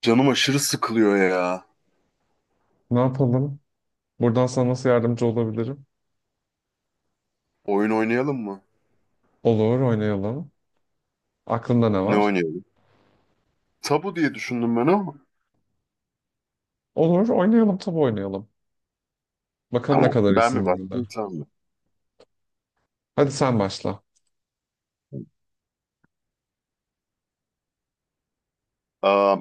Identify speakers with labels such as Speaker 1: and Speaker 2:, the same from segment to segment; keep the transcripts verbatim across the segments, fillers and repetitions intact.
Speaker 1: Canım aşırı sıkılıyor ya.
Speaker 2: Ne yapalım? Buradan sana nasıl yardımcı olabilirim?
Speaker 1: Oyun oynayalım mı?
Speaker 2: Olur, oynayalım. Aklında ne
Speaker 1: Ne
Speaker 2: var?
Speaker 1: oynayalım? Tabu diye düşündüm ben ama.
Speaker 2: Olur, oynayalım, tabii oynayalım. Bakalım ne
Speaker 1: Tamam.
Speaker 2: kadar
Speaker 1: Ben mi
Speaker 2: iyisin bu arada.
Speaker 1: baktım sen mi?
Speaker 2: Hadi sen başla.
Speaker 1: Aa,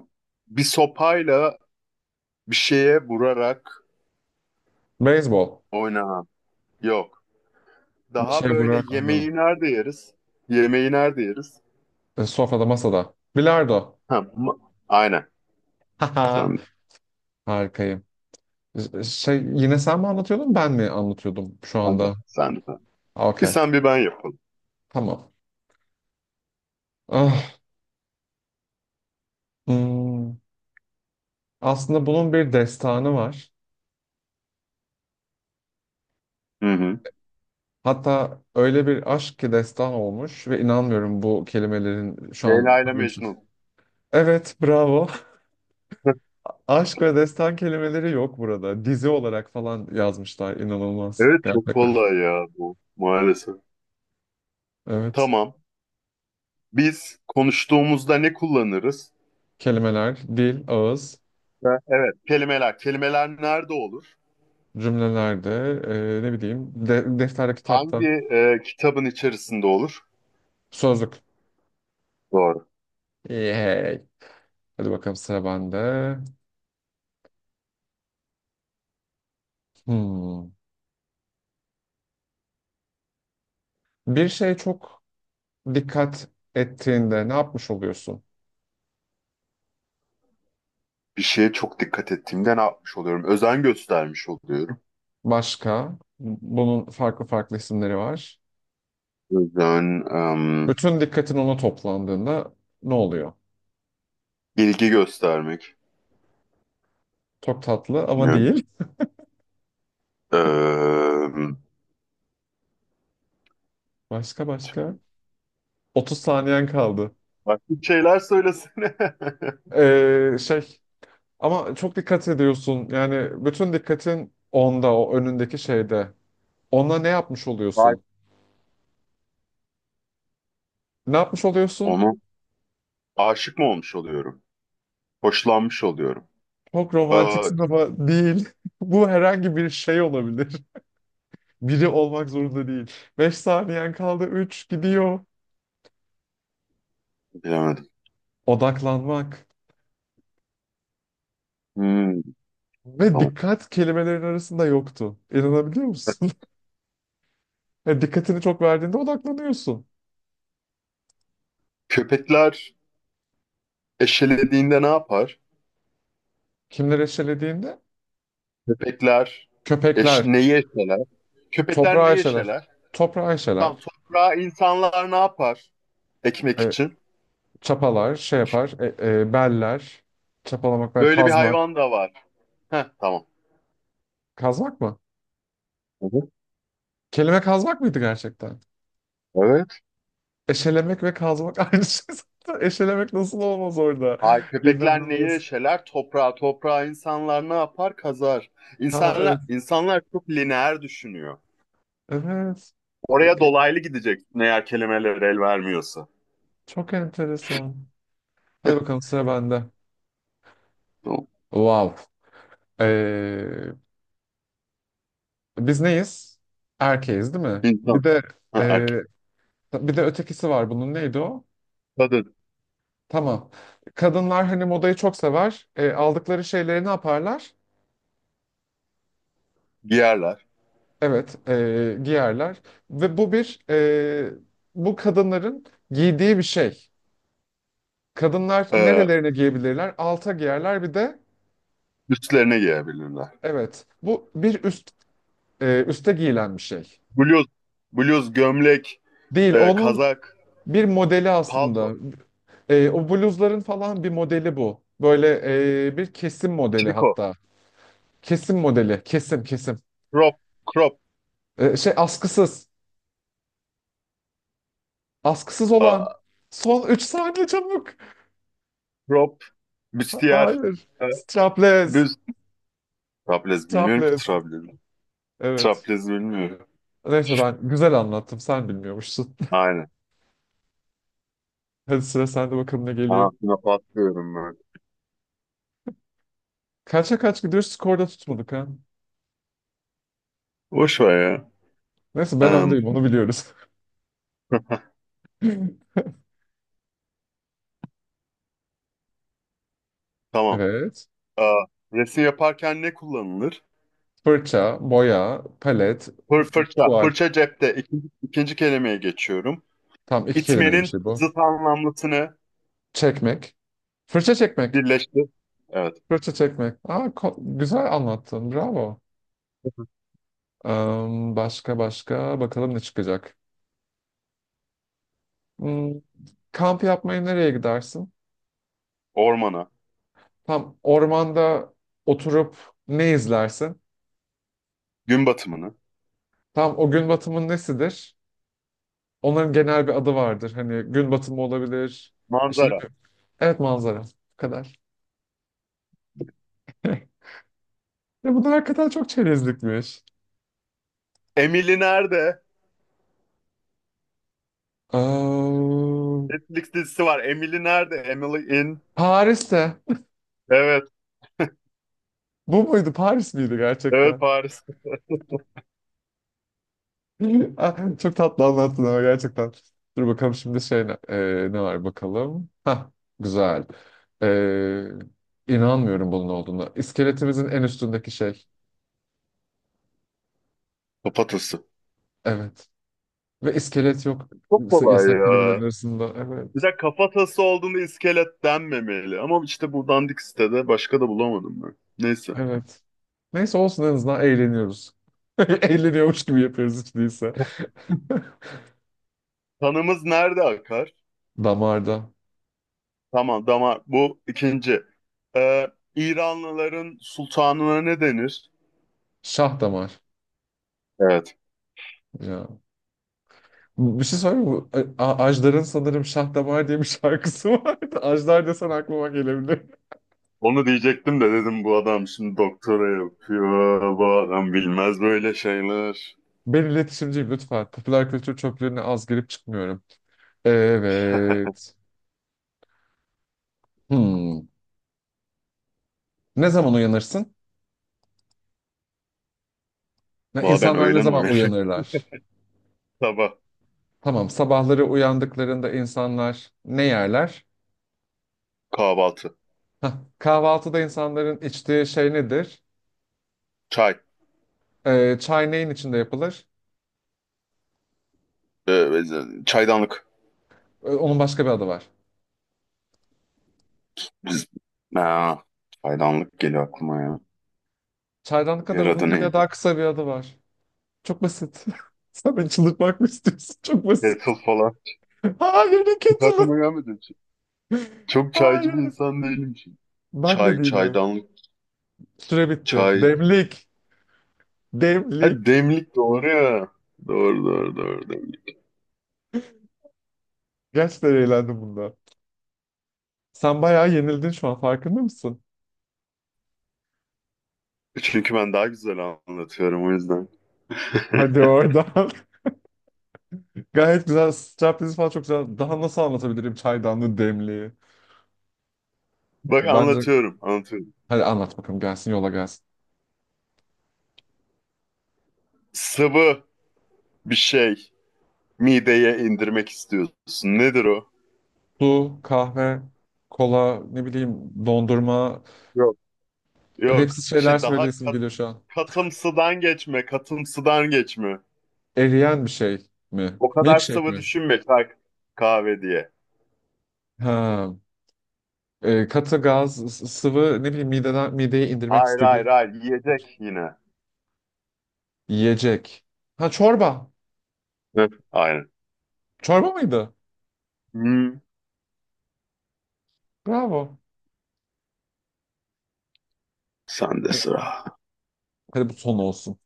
Speaker 1: Bir sopayla bir şeye vurarak
Speaker 2: Beyzbol.
Speaker 1: oynanan. Yok.
Speaker 2: Bir
Speaker 1: Daha
Speaker 2: şey
Speaker 1: böyle
Speaker 2: vurar. Aynen.
Speaker 1: yemeği nerede yeriz? Yemeği nerede yeriz?
Speaker 2: E, Sofrada, masada. Bilardo.
Speaker 1: Ha, ma- aynen.
Speaker 2: Haha.
Speaker 1: Sen de.
Speaker 2: Harikayım. Ş- Şey, yine sen mi anlatıyordun, ben mi anlatıyordum şu
Speaker 1: Sen de.
Speaker 2: anda?
Speaker 1: Sen de. Sen de. Bir
Speaker 2: Okey.
Speaker 1: sen bir ben yapalım.
Speaker 2: Tamam. Ah, hmm. Aslında bunun bir destanı var.
Speaker 1: Hı hı.
Speaker 2: Hatta öyle bir aşk ki destan olmuş ve inanmıyorum bu kelimelerin şu an
Speaker 1: Leyla ile
Speaker 2: tabirsiz.
Speaker 1: Mecnun.
Speaker 2: Evet, bravo. Aşk ve destan kelimeleri yok burada. Dizi olarak falan yazmışlar. İnanılmaz.
Speaker 1: Evet, çok
Speaker 2: Gerçekten.
Speaker 1: kolay ya bu maalesef.
Speaker 2: Evet.
Speaker 1: Tamam. Biz konuştuğumuzda ne kullanırız?
Speaker 2: Kelimeler, dil, ağız,
Speaker 1: Ve Evet, kelimeler. Kelimeler nerede olur?
Speaker 2: cümlelerde, e, ne bileyim, de, defterde, kitapta,
Speaker 1: Hangi e, kitabın içerisinde olur?
Speaker 2: sözlük.
Speaker 1: Doğru.
Speaker 2: Yay. Hadi bakalım sıra bende. Hmm. Bir şey çok dikkat ettiğinde ne yapmış oluyorsun?
Speaker 1: Bir şeye çok dikkat ettiğimde ne yapmış oluyorum? Özen göstermiş oluyorum.
Speaker 2: Başka, bunun farklı farklı isimleri var.
Speaker 1: Özen, em,
Speaker 2: Bütün dikkatin ona toplandığında ne oluyor?
Speaker 1: ilgi göstermek.
Speaker 2: Çok tatlı ama
Speaker 1: Bilmiyorum.
Speaker 2: değil.
Speaker 1: Em,
Speaker 2: Başka başka. otuz saniyen kaldı.
Speaker 1: başka bir şeyler söylesene.
Speaker 2: Ee, şey Ama çok dikkat ediyorsun. Yani bütün dikkatin onda, o önündeki şeyde. Ona ne yapmış
Speaker 1: Vay.
Speaker 2: oluyorsun? Ne yapmış oluyorsun?
Speaker 1: Onu aşık mı olmuş oluyorum? Hoşlanmış oluyorum.
Speaker 2: Çok
Speaker 1: Aa,
Speaker 2: romantiksin ama değil. Bu herhangi bir şey olabilir. Biri olmak zorunda değil. Beş saniyen kaldı. Üç gidiyor.
Speaker 1: bilemedim.
Speaker 2: Odaklanmak.
Speaker 1: Hmm,
Speaker 2: Ve
Speaker 1: tamam.
Speaker 2: dikkat kelimelerin arasında yoktu. İnanabiliyor musun? Yani dikkatini çok verdiğinde odaklanıyorsun.
Speaker 1: Köpekler eşelediğinde ne yapar?
Speaker 2: Kimleri eşelediğinde?
Speaker 1: Köpekler eş,
Speaker 2: Köpekler.
Speaker 1: neyi eşeler? Köpekler ne
Speaker 2: Toprağı eşeler.
Speaker 1: yaşarlar?
Speaker 2: Toprağı
Speaker 1: Tamam,
Speaker 2: eşeler.
Speaker 1: toprağa insanlar ne yapar ekmek
Speaker 2: E,
Speaker 1: için?
Speaker 2: Çapalar, şey yapar. E, e, beller. Çapalamak ve
Speaker 1: Böyle bir
Speaker 2: kazmak.
Speaker 1: hayvan da var. Heh, tamam.
Speaker 2: Kazmak mı?
Speaker 1: Hı hı.
Speaker 2: Kelime kazmak mıydı gerçekten?
Speaker 1: Evet.
Speaker 2: Eşelemek ve kazmak aynı şey zaten. Eşelemek nasıl olmaz orada?
Speaker 1: Hayır, köpekler neyi
Speaker 2: İnanılmaz.
Speaker 1: yaşarlar? Toprağa, toprağa insanlar ne yapar? Kazar.
Speaker 2: Ha, evet.
Speaker 1: İnsanlar, insanlar çok lineer düşünüyor.
Speaker 2: Evet. E, e,
Speaker 1: Oraya dolaylı gidecek eğer kelimeler el vermiyorsa.
Speaker 2: Çok enteresan. Hadi bakalım sıra bende.
Speaker 1: Tamam.
Speaker 2: Wow. Ee, Biz neyiz? Erkeğiz değil mi? Bir
Speaker 1: İnsan,
Speaker 2: de
Speaker 1: ha,
Speaker 2: ee,
Speaker 1: erkek,
Speaker 2: Bir de ötekisi var bunun. Neydi o?
Speaker 1: kadın
Speaker 2: Tamam. Kadınlar hani modayı çok sever. Ee, aldıkları şeyleri ne yaparlar?
Speaker 1: giyerler.
Speaker 2: Evet, ee, giyerler. Ve bu bir ee, bu kadınların giydiği bir şey. Kadınlar
Speaker 1: Ee,
Speaker 2: nerelerine giyebilirler? Alta giyerler bir de
Speaker 1: üstlerine giyebilirler.
Speaker 2: evet. Bu bir üst ee, üste giyilen bir şey.
Speaker 1: Bluz, bluz, gömlek,
Speaker 2: Değil,
Speaker 1: e,
Speaker 2: onun
Speaker 1: kazak,
Speaker 2: bir modeli aslında.
Speaker 1: palto,
Speaker 2: E, o bluzların falan bir modeli bu. Böyle e, bir kesim modeli
Speaker 1: triko,
Speaker 2: hatta. Kesim modeli, kesim, kesim.
Speaker 1: crop, crop.
Speaker 2: E, şey askısız, askısız olan.
Speaker 1: Aa,
Speaker 2: Son üç saniye çabuk.
Speaker 1: prop,
Speaker 2: Ha-
Speaker 1: büstiyer,
Speaker 2: Hayır,
Speaker 1: e,
Speaker 2: strapless,
Speaker 1: büz. Traplez bilmiyorum ki
Speaker 2: strapless.
Speaker 1: traplez.
Speaker 2: Evet.
Speaker 1: Traplez bilmiyorum.
Speaker 2: Neyse ben güzel anlattım, sen bilmiyormuşsun.
Speaker 1: Aynen.
Speaker 2: Hadi sıra sende bakalım ne geliyor.
Speaker 1: Aha, buna patlıyorum böyle.
Speaker 2: Kaça kaç gidiyoruz, skorda tutmadık ha.
Speaker 1: Boş ver ya.
Speaker 2: Neyse ben
Speaker 1: Em,
Speaker 2: öndeyim, onu biliyoruz.
Speaker 1: tamam.
Speaker 2: Evet.
Speaker 1: Aa, resim yaparken ne kullanılır?
Speaker 2: Fırça, boya, palet,
Speaker 1: Fır fırça.
Speaker 2: tuval.
Speaker 1: Fırça cepte. İkinci, ikinci kelimeye geçiyorum.
Speaker 2: Tam iki kelimeli bir
Speaker 1: İtmenin
Speaker 2: şey bu.
Speaker 1: zıt anlamlısını
Speaker 2: Çekmek. Fırça çekmek.
Speaker 1: birleştir. Evet.
Speaker 2: Fırça çekmek. Aa, ko- güzel anlattın. Bravo. Am, başka başka. Bakalım ne çıkacak. Hmm, Kamp yapmaya nereye gidersin?
Speaker 1: Ormana.
Speaker 2: Tam ormanda oturup ne izlersin?
Speaker 1: Gün batımını.
Speaker 2: Tam o gün batımın nesidir? Onların genel bir adı vardır. Hani gün batımı olabilir. İşte ne
Speaker 1: Manzara.
Speaker 2: bileyim. Evet, manzara. Bu kadar. Ya bunlar hakikaten çok çerezlikmiş.
Speaker 1: Emily nerede?
Speaker 2: Am,
Speaker 1: Netflix dizisi var. Emily nerede? Emily in.
Speaker 2: Paris'te.
Speaker 1: Evet.
Speaker 2: Bu muydu? Paris miydi
Speaker 1: Evet,
Speaker 2: gerçekten?
Speaker 1: Paris.
Speaker 2: Ah, çok tatlı anlattın ama gerçekten. Dur bakalım şimdi şey ne, e, ne var bakalım. Hah, güzel. Ee, inanmıyorum bunun olduğuna. İskeletimizin en üstündeki şey.
Speaker 1: Kafatası.
Speaker 2: Evet. Ve iskelet yok
Speaker 1: Çok
Speaker 2: s-
Speaker 1: kolay
Speaker 2: yasak kelimelerin
Speaker 1: ya.
Speaker 2: arasında.
Speaker 1: Bir
Speaker 2: Evet.
Speaker 1: de kafatası olduğunda iskelet denmemeli. Ama işte bu dandik sitede başka da bulamadım ben. Neyse.
Speaker 2: Evet. Neyse olsun en azından eğleniyoruz. Eğleniyormuş gibi yapıyoruz hiç değilse.
Speaker 1: Kanımız nerede akar?
Speaker 2: Damarda.
Speaker 1: Tamam, damar. Bu ikinci. Ee, İranlıların sultanına ne denir?
Speaker 2: Şah damar.
Speaker 1: Evet.
Speaker 2: Ya. Bir şey söyleyeyim mi? A- Ajdar'ın sanırım Şah Damar diye bir şarkısı vardı. Ajdar desen aklıma gelebilir.
Speaker 1: Onu diyecektim de dedim bu adam şimdi doktora yapıyor. Bu adam bilmez böyle şeyler.
Speaker 2: Ben iletişimciyim lütfen. Popüler kültür çöplüğüne az girip çıkmıyorum. Evet. Hmm. Ne zaman uyanırsın? Ne,
Speaker 1: Valla ben
Speaker 2: insanlar ne
Speaker 1: öğlen
Speaker 2: zaman
Speaker 1: uyuyorum.
Speaker 2: uyanırlar?
Speaker 1: Sabah
Speaker 2: Tamam, sabahları uyandıklarında insanlar ne yerler?
Speaker 1: kahvaltı.
Speaker 2: Hah, kahvaltıda insanların içtiği şey nedir?
Speaker 1: Çay.
Speaker 2: Ee, çay neyin içinde yapılır?
Speaker 1: Ee, çaydanlık.
Speaker 2: Ee, onun başka bir adı var.
Speaker 1: Biz... Aa, çaydanlık geliyor aklıma ya.
Speaker 2: Çaydan kadar
Speaker 1: Yer
Speaker 2: uzun
Speaker 1: adı
Speaker 2: değil ya
Speaker 1: neydi?
Speaker 2: daha kısa bir adı var. Çok basit. Sen beni çıldırtmak mı istiyorsun? Çok basit.
Speaker 1: Kettle falan.
Speaker 2: Hayır, ne
Speaker 1: Hiç
Speaker 2: kötülük.
Speaker 1: aklıma gelmedi, hiç. Çok çaycı bir
Speaker 2: Hayır.
Speaker 1: insan değilim şimdi.
Speaker 2: Ben de
Speaker 1: Çay,
Speaker 2: değilim.
Speaker 1: çaydanlık,
Speaker 2: Süre bitti.
Speaker 1: çay.
Speaker 2: Demlik.
Speaker 1: Ha,
Speaker 2: Demlik.
Speaker 1: demlik doğru ya. Doğru, doğru, doğru, demlik.
Speaker 2: Gerçekten eğlendim bunda. Sen bayağı yenildin şu an farkında mısın?
Speaker 1: Çünkü ben daha güzel anlatıyorum o yüzden.
Speaker 2: Hadi oradan. Gayet güzel. Striptease falan çok güzel. Daha nasıl anlatabilirim çaydanlı demliği?
Speaker 1: Bak
Speaker 2: Bence
Speaker 1: anlatıyorum, anlatıyorum.
Speaker 2: hadi anlat bakalım gelsin yola gelsin.
Speaker 1: Sıvı bir şey mideye indirmek istiyorsun. Nedir o?
Speaker 2: Su, kahve, kola, ne bileyim dondurma.
Speaker 1: Yok. Yok.
Speaker 2: Edepsiz şeyler
Speaker 1: Şey daha
Speaker 2: söyleyesim
Speaker 1: kat,
Speaker 2: geliyor şu an.
Speaker 1: katımsıdan geçme, katımsıdan geçme.
Speaker 2: Eriyen bir şey mi?
Speaker 1: O kadar
Speaker 2: Milkshake
Speaker 1: sıvı
Speaker 2: mi?
Speaker 1: düşünme, çay kahve diye.
Speaker 2: Ha. E, katı gaz, s- sıvı ne bileyim mideden, mideye indirmek
Speaker 1: Hayır, hayır,
Speaker 2: istediğim
Speaker 1: hayır, yiyecek yine.
Speaker 2: yiyecek. Ha, çorba.
Speaker 1: Hı, aynen.
Speaker 2: Çorba mıydı?
Speaker 1: Hmm,
Speaker 2: Bravo.
Speaker 1: sen de
Speaker 2: E,
Speaker 1: sıra.
Speaker 2: Hadi bu son olsun.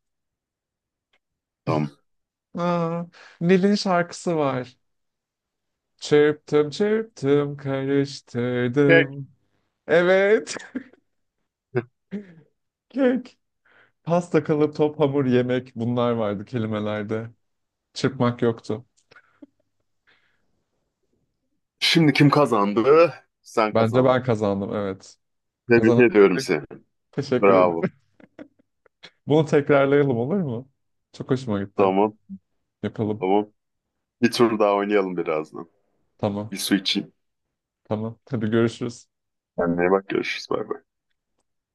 Speaker 1: Tamam.
Speaker 2: Aa, Nil'in şarkısı var. Çırptım çırptım
Speaker 1: Peki.
Speaker 2: karıştırdım. Evet. Kek. Pasta, kalıp, top, hamur, yemek bunlar vardı kelimelerde. Çırpmak yoktu.
Speaker 1: Şimdi kim kazandı? Sen
Speaker 2: Bence ben
Speaker 1: kazandın.
Speaker 2: kazandım, evet.
Speaker 1: Tebrik
Speaker 2: Kazanan
Speaker 1: ediyorum
Speaker 2: benim.
Speaker 1: seni.
Speaker 2: Teşekkür ederim.
Speaker 1: Bravo.
Speaker 2: Bunu tekrarlayalım, olur mu? Çok hoşuma gitti.
Speaker 1: Tamam,
Speaker 2: Yapalım.
Speaker 1: tamam. Bir tur daha oynayalım birazdan.
Speaker 2: Tamam.
Speaker 1: Bir su içeyim.
Speaker 2: Tamam. Hadi görüşürüz.
Speaker 1: Kendine iyi bak, görüşürüz. Bay bay.